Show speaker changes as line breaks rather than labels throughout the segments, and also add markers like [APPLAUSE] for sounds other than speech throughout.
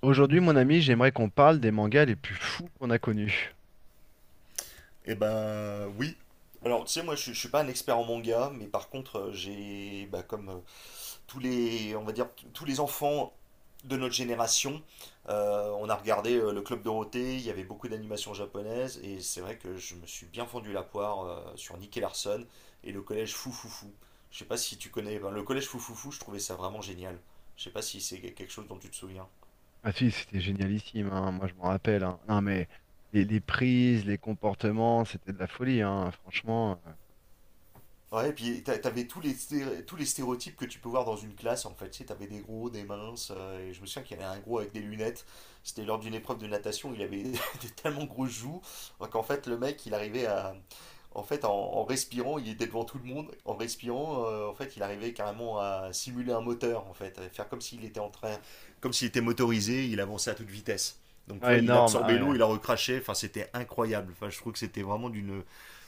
Aujourd'hui, mon ami, j'aimerais qu'on parle des mangas les plus fous qu'on a connus.
Eh ben oui. Alors tu sais je suis pas un expert en manga mais par contre j'ai bah, comme tous les on va dire tous les enfants de notre génération on a regardé le Club Dorothée, il y avait beaucoup d'animations japonaises et c'est vrai que je me suis bien fendu la poire sur Nicky Larson et le collège Foufoufou. Je sais pas si tu connais, ben, le collège Foufoufou je trouvais ça vraiment génial. Je sais pas si c'est quelque chose dont tu te souviens.
Ah si, c'était génialissime, hein. Moi, je m'en rappelle, hein. Non, mais les prises, les comportements, c'était de la folie, hein. Franchement.
Ouais, et puis t'avais tous les, tous les stéréotypes que tu peux voir dans une classe, en fait. Tu sais, t'avais des gros, des minces, et je me souviens qu'il y avait un gros avec des lunettes. C'était lors d'une épreuve de natation, il avait [LAUGHS] des tellement grosses joues, qu'en fait, le mec, il arrivait à… En fait, en respirant, il était devant tout le monde. En respirant, en fait, il arrivait carrément à simuler un moteur, en fait. À faire comme s'il était en train… Comme s'il était motorisé, il avançait à toute vitesse. Donc, tu
Ah,
vois, il
énorme. Ah,
absorbait
ouais.
l'eau, il la recrachait. Enfin, c'était incroyable. Enfin, je trouve que c'était vraiment d'une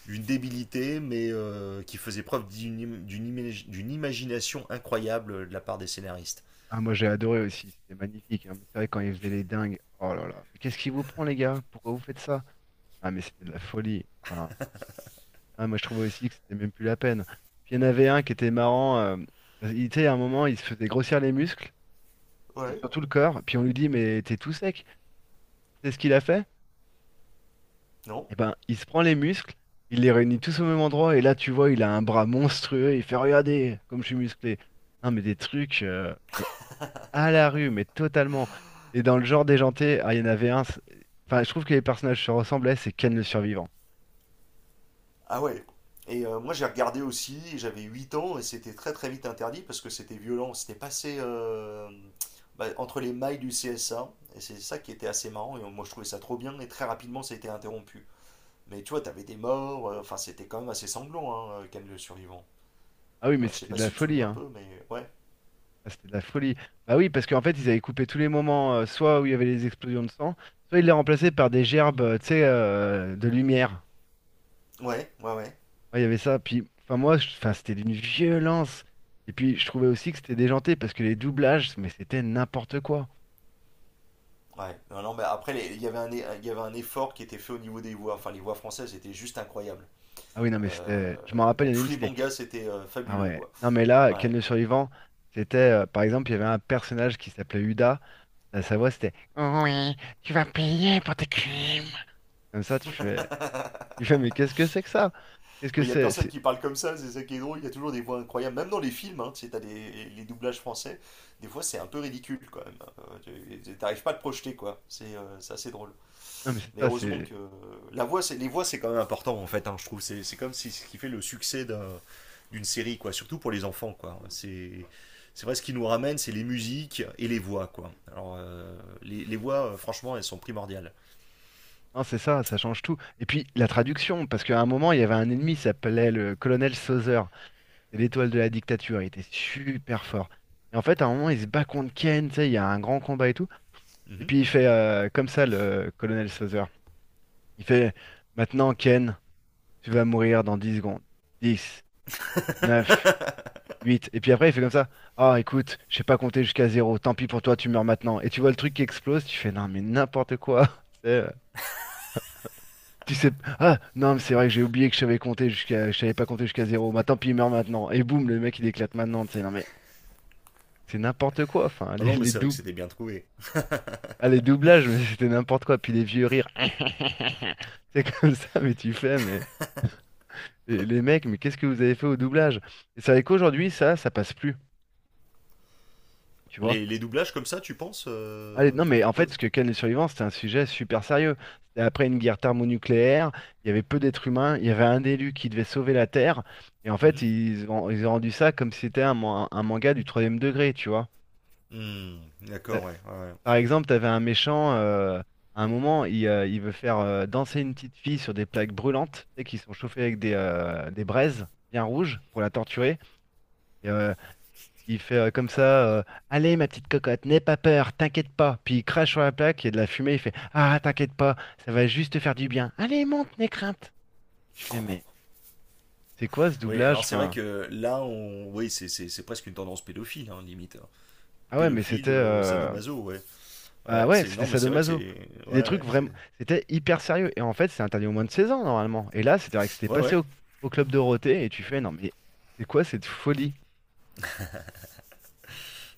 une débilité, mais qui faisait preuve d'une imagination incroyable de la part des scénaristes.
Ah, moi, j'ai adoré aussi. C'était magnifique, hein. Mais c'est vrai quand ils faisaient les dingues. Oh là là. Mais qu'est-ce qui vous prend, les gars? Pourquoi vous faites ça? Ah, mais c'était de la folie. Enfin, ah, moi, je trouvais aussi que c'était même plus la peine. Puis il y en avait un qui était marrant, parce qu'il était à un moment, il se faisait grossir les muscles,
Ouais.
sur tout le corps. Puis on lui dit, mais t'es tout sec. C'est ce qu'il a fait?
Non.
Et ben, il se prend les muscles, il les réunit tous au même endroit, et là, tu vois, il a un bras monstrueux, il fait regarder comme je suis musclé. Non, mais des trucs, mais à la rue, mais totalement. Et dans le genre déjanté, ah, il y en avait un. Enfin, je trouve que les personnages se ressemblaient, c'est Ken le survivant.
Ah ouais. Et moi j'ai regardé aussi, j'avais 8 ans et c'était très très vite interdit parce que c'était violent, c'était passé bah, entre les mailles du CSA et c'est ça qui était assez marrant et moi je trouvais ça trop bien et très rapidement ça a été interrompu. Mais tu vois, t'avais des morts, enfin c'était quand même assez sanglant hein, Ken le survivant.
Ah oui, mais
Ouais, je sais
c'était de
pas
la
si tu te
folie,
souviens un
hein.
peu, mais ouais.
Ah, c'était de la folie. Bah oui, parce qu'en fait, ils avaient coupé tous les moments, soit où il y avait les explosions de sang, soit ils les remplaçaient par des gerbes, tu sais, de lumière.
Ouais, ouais, ouais.
Ouais, il y avait ça. Puis, enfin, moi, enfin, c'était d'une violence. Et puis, je trouvais aussi que c'était déjanté parce que les doublages, mais c'était n'importe quoi.
Ouais, non, non, mais après, il y avait il y avait un effort qui était fait au niveau des voix. Enfin, les voix françaises étaient juste incroyables.
Ah oui, non, mais
Euh,
c'était. Je m'en rappelle,
dans
il y en a une,
tous les
c'était.
mangas, c'était
Ah
fabuleux,
ouais.
quoi.
Non, mais là, Ken
Ouais.
le survivant, c'était. Par exemple, il y avait un personnage qui s'appelait Uda. Là, sa voix, c'était. Oui, tu vas payer pour tes crimes. Comme ça, tu fais. Tu fais, mais qu'est-ce que c'est que ça? Qu'est-ce
Bon,
que
il y a
c'est?
personne
c'est-
qui parle comme ça, c'est ça qui est drôle. Il y a toujours des voix incroyables. Même dans les films, hein, tu sais, t'as des, les doublages français. Des fois, c'est un peu ridicule, quand même. T'arrives pas à te projeter, quoi. C'est assez drôle.
Non, mais c'est
Mais
ça,
heureusement que
c'est.
c'est les voix, c'est quand même important en fait, hein, je trouve c'est comme si ce qui fait le succès d'une série quoi, surtout pour les enfants quoi. C'est vrai, ce qui nous ramène, c'est les musiques et les voix quoi. Alors les voix, franchement, elles sont primordiales.
Non, c'est ça, ça change tout. Et puis, la traduction, parce qu'à un moment, il y avait un ennemi, il s'appelait le colonel Sauser. C'est l'étoile de la dictature, il était super fort. Et en fait, à un moment, il se bat contre Ken, tu sais, il y a un grand combat et tout. Et
Mhm.
puis il fait comme ça, le colonel Sauzer. Il fait, maintenant, Ken, tu vas mourir dans 10 secondes. 10. Neuf. Huit. Et puis après, il fait comme ça. Ah, écoute, je sais pas compter jusqu'à zéro. Tant pis pour toi, tu meurs maintenant. Et tu vois le truc qui explose, tu fais, non, mais n'importe quoi. [LAUGHS] Tu sais, ah, non, mais c'est vrai que j'ai oublié que je savais compter jusqu'à, je savais pas compter jusqu'à zéro. Bah, tant pis, il meurt maintenant. Et boum, le mec, il éclate maintenant, tu sais, non, mais. C'est n'importe quoi, enfin, [LAUGHS]
Non
les,
non, mais
les
c'est vrai que
doubles.
c'était bien trouvé.
Ah, les doublages, mais c'était n'importe quoi. Puis les vieux rires. [LAUGHS] C'est comme ça, mais tu fais, mais les mecs, mais qu'est-ce que vous avez fait au doublage? Et c'est vrai qu'aujourd'hui, ça passe plus, tu vois.
Les doublages comme ça, tu penses
Allez, non, mais en
pourquoi.
fait, ce que Ken les survivants, c'était un sujet super sérieux. C'était après une guerre thermonucléaire, il y avait peu d'êtres humains, il y avait un élu qui devait sauver la Terre. Et en fait,
Mhm.
ils ont rendu ça comme si c'était un manga du troisième degré, tu vois.
Hmm, d'accord, ouais, ouais, ouais.
Par exemple, t'avais un méchant, à un moment, il veut faire danser une petite fille sur des plaques brûlantes, tu sais, qui sont chauffées avec des braises bien rouges pour la torturer. Et, il fait comme ça, euh, allez, ma petite cocotte, n'aie pas peur, t'inquiète pas. Puis il crache sur la plaque, il y a de la fumée, il fait, ah, t'inquiète pas, ça va juste te faire du bien. Allez, monte, n'aie crainte. Je fais, mais c'est quoi ce
Oui,
doublage?
alors c'est vrai
Enfin,
que là, on, oui, c'est presque une tendance pédophile, hein, limite.
ah ouais, mais c'était...
Pédophile, sadomaso, ouais. Ouais,
bah ouais,
c'est
c'était
non, mais c'est vrai que
sadomaso.
c'est ouais,
C'est des trucs
ouais, c'est
vraiment. C'était hyper sérieux. Et en fait, c'est interdit au moins de 16 ans normalement. Et là, c'était vrai que c'était
ouais,
passé
ouais.
au Club Dorothée et tu fais non mais c'est quoi cette folie?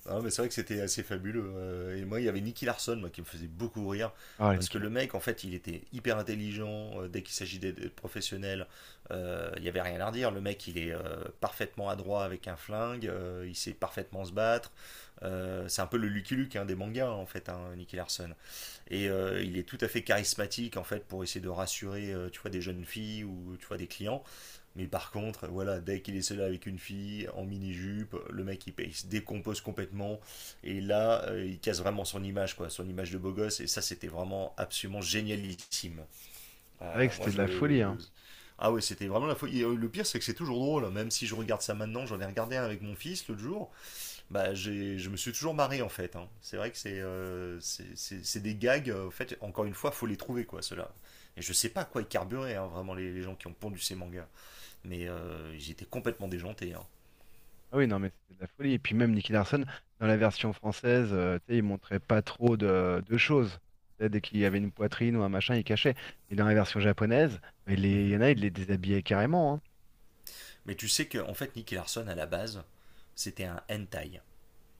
Non, mais c'est vrai que c'était assez fabuleux. Et moi, il y avait Nicky Larson, moi, qui me faisait beaucoup rire
Ah ouais,
parce
Nicky
que le
Larson.
mec, en fait, il était hyper intelligent dès qu'il s'agit d'être professionnel. Il y avait rien à redire. Le mec, il est parfaitement adroit avec un flingue. Il sait parfaitement se battre. C'est un peu le Lucky Luke hein, des mangas, en fait, hein, Nicky Larson. Et il est tout à fait charismatique en fait pour essayer de rassurer tu vois, des jeunes filles ou tu vois, des clients. Mais par contre, voilà, dès qu'il est seul avec une fille en mini-jupe, il se décompose complètement. Et là, il casse vraiment son image, quoi, son image de beau gosse. Et ça, c'était vraiment absolument génialissime.
C'est vrai que
Moi,
c'était de la folie, hein.
je. Ah ouais, c'était vraiment la folie. Et, le pire, c'est que c'est toujours drôle, hein. Même si je regarde ça maintenant, j'en ai regardé un avec mon fils l'autre jour. Bah, je me suis toujours marré en fait, hein. C'est vrai que c'est des gags. En fait, encore une fois, faut les trouver quoi, ceux-là. Et je sais pas à quoi ils carburaient hein, vraiment les gens qui ont pondu ces mangas. Mais j'étais complètement déjanté, hein.
Ah oui, non mais c'était de la folie. Et puis même Nicky Larson, dans la version française, tu sais, il montrait pas trop de choses. Tu sais, dès qu'il y avait une poitrine ou un machin, il cachait. Et dans la version japonaise, bah, il y
Mhm.
en a, il les déshabillait carrément, hein.
Mais tu sais que en fait, Nicky Larson à la base, c'était un hentai.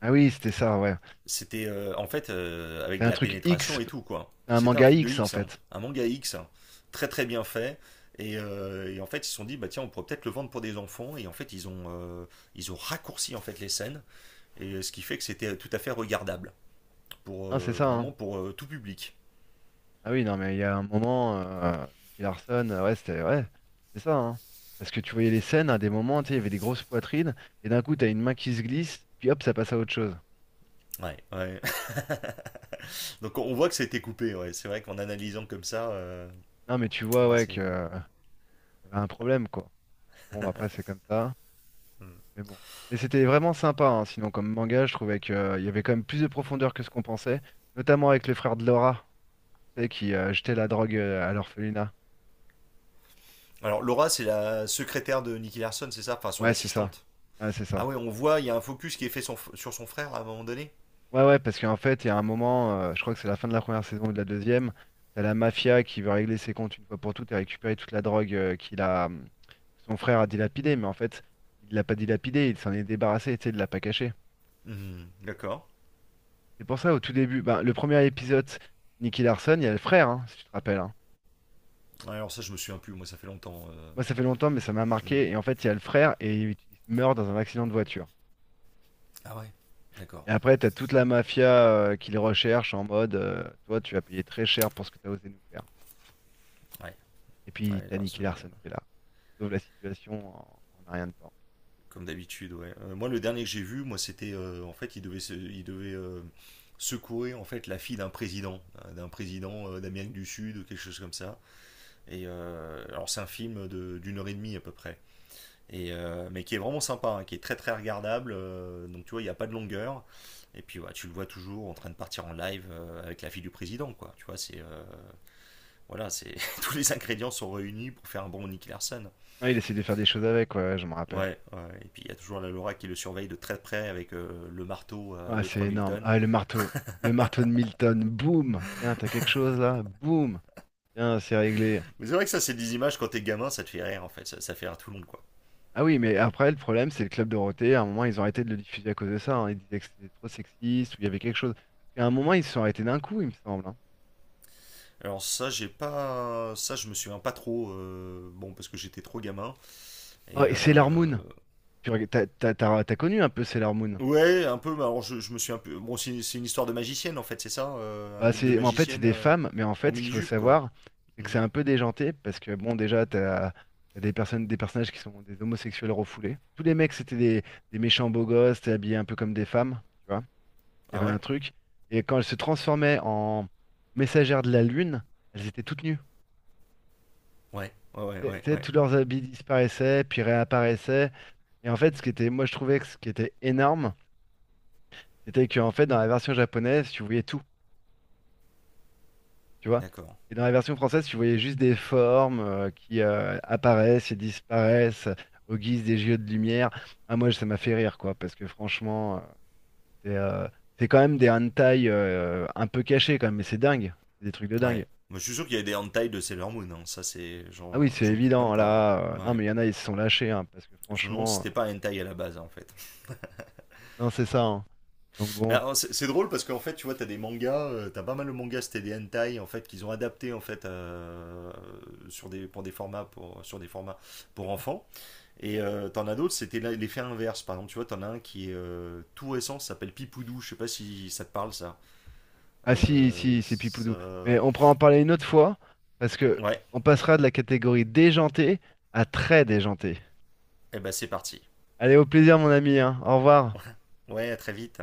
Ah oui, c'était ça, ouais.
C'était En fait avec
C'est
de
un
la
truc
pénétration
X,
et tout quoi.
un
C'était un
manga
truc de
X en
X, hein,
fait.
un manga X, hein. Très très bien fait. Et en fait, ils se sont dit bah tiens, on pourrait peut-être le vendre pour des enfants. Et en fait, ils ont raccourci en fait les scènes. Et ce qui fait que c'était tout à fait regardable, pour,
Hein, c'est ça, hein.
vraiment pour tout public.
Ah oui, non, mais il y a un moment, Nicky Larson, ouais, c'était ouais, c'est ça, hein. Parce que tu voyais les scènes, à des moments, tu sais, il y avait des grosses poitrines, et d'un coup, t'as une main qui se glisse, et puis hop, ça passe à autre chose.
Ouais. Ouais. [LAUGHS] Donc on voit que c'était coupé, ouais. C'est vrai qu'en analysant comme ça,
Non, mais tu vois,
moi
ouais,
c'est... euh.
y avait un problème, quoi. Bon, après, c'est comme ça, mais bon. Mais c'était vraiment sympa, hein. Sinon, comme manga, je trouvais qu'il y avait quand même plus de profondeur que ce qu'on pensait, notamment avec les frères de Laura, tu sais, qui jetaient la drogue à l'orphelinat.
Alors Laura c'est la secrétaire de Nicky Larson, c'est ça, enfin son
Ouais, c'est ça.
assistante.
Ouais, c'est ça.
Ah ouais, on voit, il y a un focus qui est fait son sur son frère à un moment donné.
Ouais, ouais, parce qu'en fait, il y a un moment, je crois que c'est la fin de la première saison ou de la deuxième, t'as la mafia qui veut régler ses comptes une fois pour toutes et récupérer toute la drogue que son frère a dilapidée, mais en fait, il l'a pas dilapidée, il s'en est débarrassé, tu sais, il l'a pas caché.
Mhm, d'accord.
C'est pour ça, au tout début, ben, le premier épisode, Nicky Larson, il y a le frère, hein, si tu te rappelles, hein.
Ouais, alors ça je me souviens plus, moi ça fait longtemps, euh.
Moi, ça fait longtemps, mais ça m'a
Mhm.
marqué, et en fait, il y a le frère, et il meurt dans un accident de voiture.
Ah ouais,
Et
d'accord.
après, t'as toute la mafia qui les recherche en mode, toi, tu vas payer très cher pour ce que t'as osé nous faire.
Ouais.
Et puis,
Ouais,
t'as
là, je-
Nicky Larson qui est là, sauve la situation en un rien de temps.
Comme d'habitude, ouais. Moi, le dernier que j'ai vu, moi, c'était en fait, il devait secourir en fait la fille d'un président d'Amérique du Sud, quelque chose comme ça. Et alors, c'est un film d'une heure et demie à peu près, et mais qui est vraiment sympa, hein, qui est très très regardable. Donc, tu vois, il n'y a pas de longueur. Et puis, ouais, tu le vois toujours en train de partir en live avec la fille du président, quoi. Tu vois, c'est Voilà, c'est [LAUGHS] tous les ingrédients sont réunis pour faire un bon Nick Larson.
Ouais, il essaie de faire des choses avec, ouais, ouais, je me rappelle.
Ouais, ouais. Et puis il y a toujours la Laura qui le surveille de très près avec le marteau
Ah,
de
c'est
3000
énorme.
tonnes.
Ah, le marteau. Le marteau de Milton. Boum! Tiens, t'as quelque chose là? Boum! Tiens, c'est réglé.
Mais c'est vrai que ça, c'est des images quand t'es gamin, ça te fait rire en fait, ça fait rire tout le monde quoi.
Ah oui, mais après, le problème, c'est le Club Dorothée. À un moment, ils ont arrêté de le diffuser à cause de ça, hein. Ils disaient que c'était trop sexiste ou il y avait quelque chose. À un moment, ils se sont arrêtés d'un coup, il me semble, hein.
Alors ça, j'ai pas, ça je me souviens pas trop, bon parce que j'étais trop gamin
Oh,
et
et Sailor Moon. T'as connu un peu Sailor Moon?
ouais un peu. Mais alors je me suis un peu, bon c'est une histoire de magicienne en fait, c'est ça, un
Bah,
groupe de
c'est, mais en fait, c'est
magiciennes
des femmes, mais en
en
fait, ce qu'il
mini
faut
jupe quoi.
savoir, c'est que c'est
Mhm.
un peu déjanté, parce que bon, déjà, t'as des personnages qui sont des homosexuels refoulés. Tous les mecs, c'était des méchants beaux gosses, t'es habillé un peu comme des femmes, tu vois. Il y
Ah
avait un
ouais,
truc. Et quand elles se transformaient en messagères de la lune, elles étaient toutes nues.
ouais, ouais, ouais, ouais, ouais.
Tous leurs habits disparaissaient, puis réapparaissaient. Et en fait, ce qui était, moi, je trouvais que ce qui était énorme, c'était qu'en fait, dans la version japonaise, tu voyais tout, tu vois.
D'accord.
Et dans la version française, tu voyais juste des formes qui apparaissent et disparaissent au guise des jeux de lumière. Ah, moi, ça m'a fait rire, quoi, parce que franchement, c'est euh, c'est quand même des hentai, un peu cachés, quand même, mais c'est dingue. C'est des trucs de dingue.
Ouais. Moi, je suis sûr qu'il y a des hentai de Sailor Moon, hein. Ça c'est,
Ah oui, c'est
j'en doute même
évident,
pas,
là.
hein.
Non,
Ouais.
mais il y en a, ils se sont lâchés, hein, parce que
Je me demande si
franchement,
c'était pas un hentai à la base en fait.
non, c'est ça, hein. Donc
Mais
bon.
c'est drôle parce qu'en fait, tu vois, t'as des mangas, t'as pas mal de mangas, c'était des hentai en fait qu'ils ont adapté en fait sur des pour des formats pour sur des formats pour enfants. Et t'en as d'autres, c'était l'effet inverse. Par exemple, tu vois, t'en as un qui est tout récent, ça s'appelle Pipoudou. Je sais pas si ça te parle ça.
Ah si,
Euh,
si, c'est Pipoudou.
ça...
Mais on pourra en parler une autre fois, parce que
Ouais.
on passera de la catégorie déjantée à très déjantée.
Et ben c'est parti.
Allez, au plaisir, mon ami, hein. Au revoir.
[LAUGHS] Ouais, à très vite.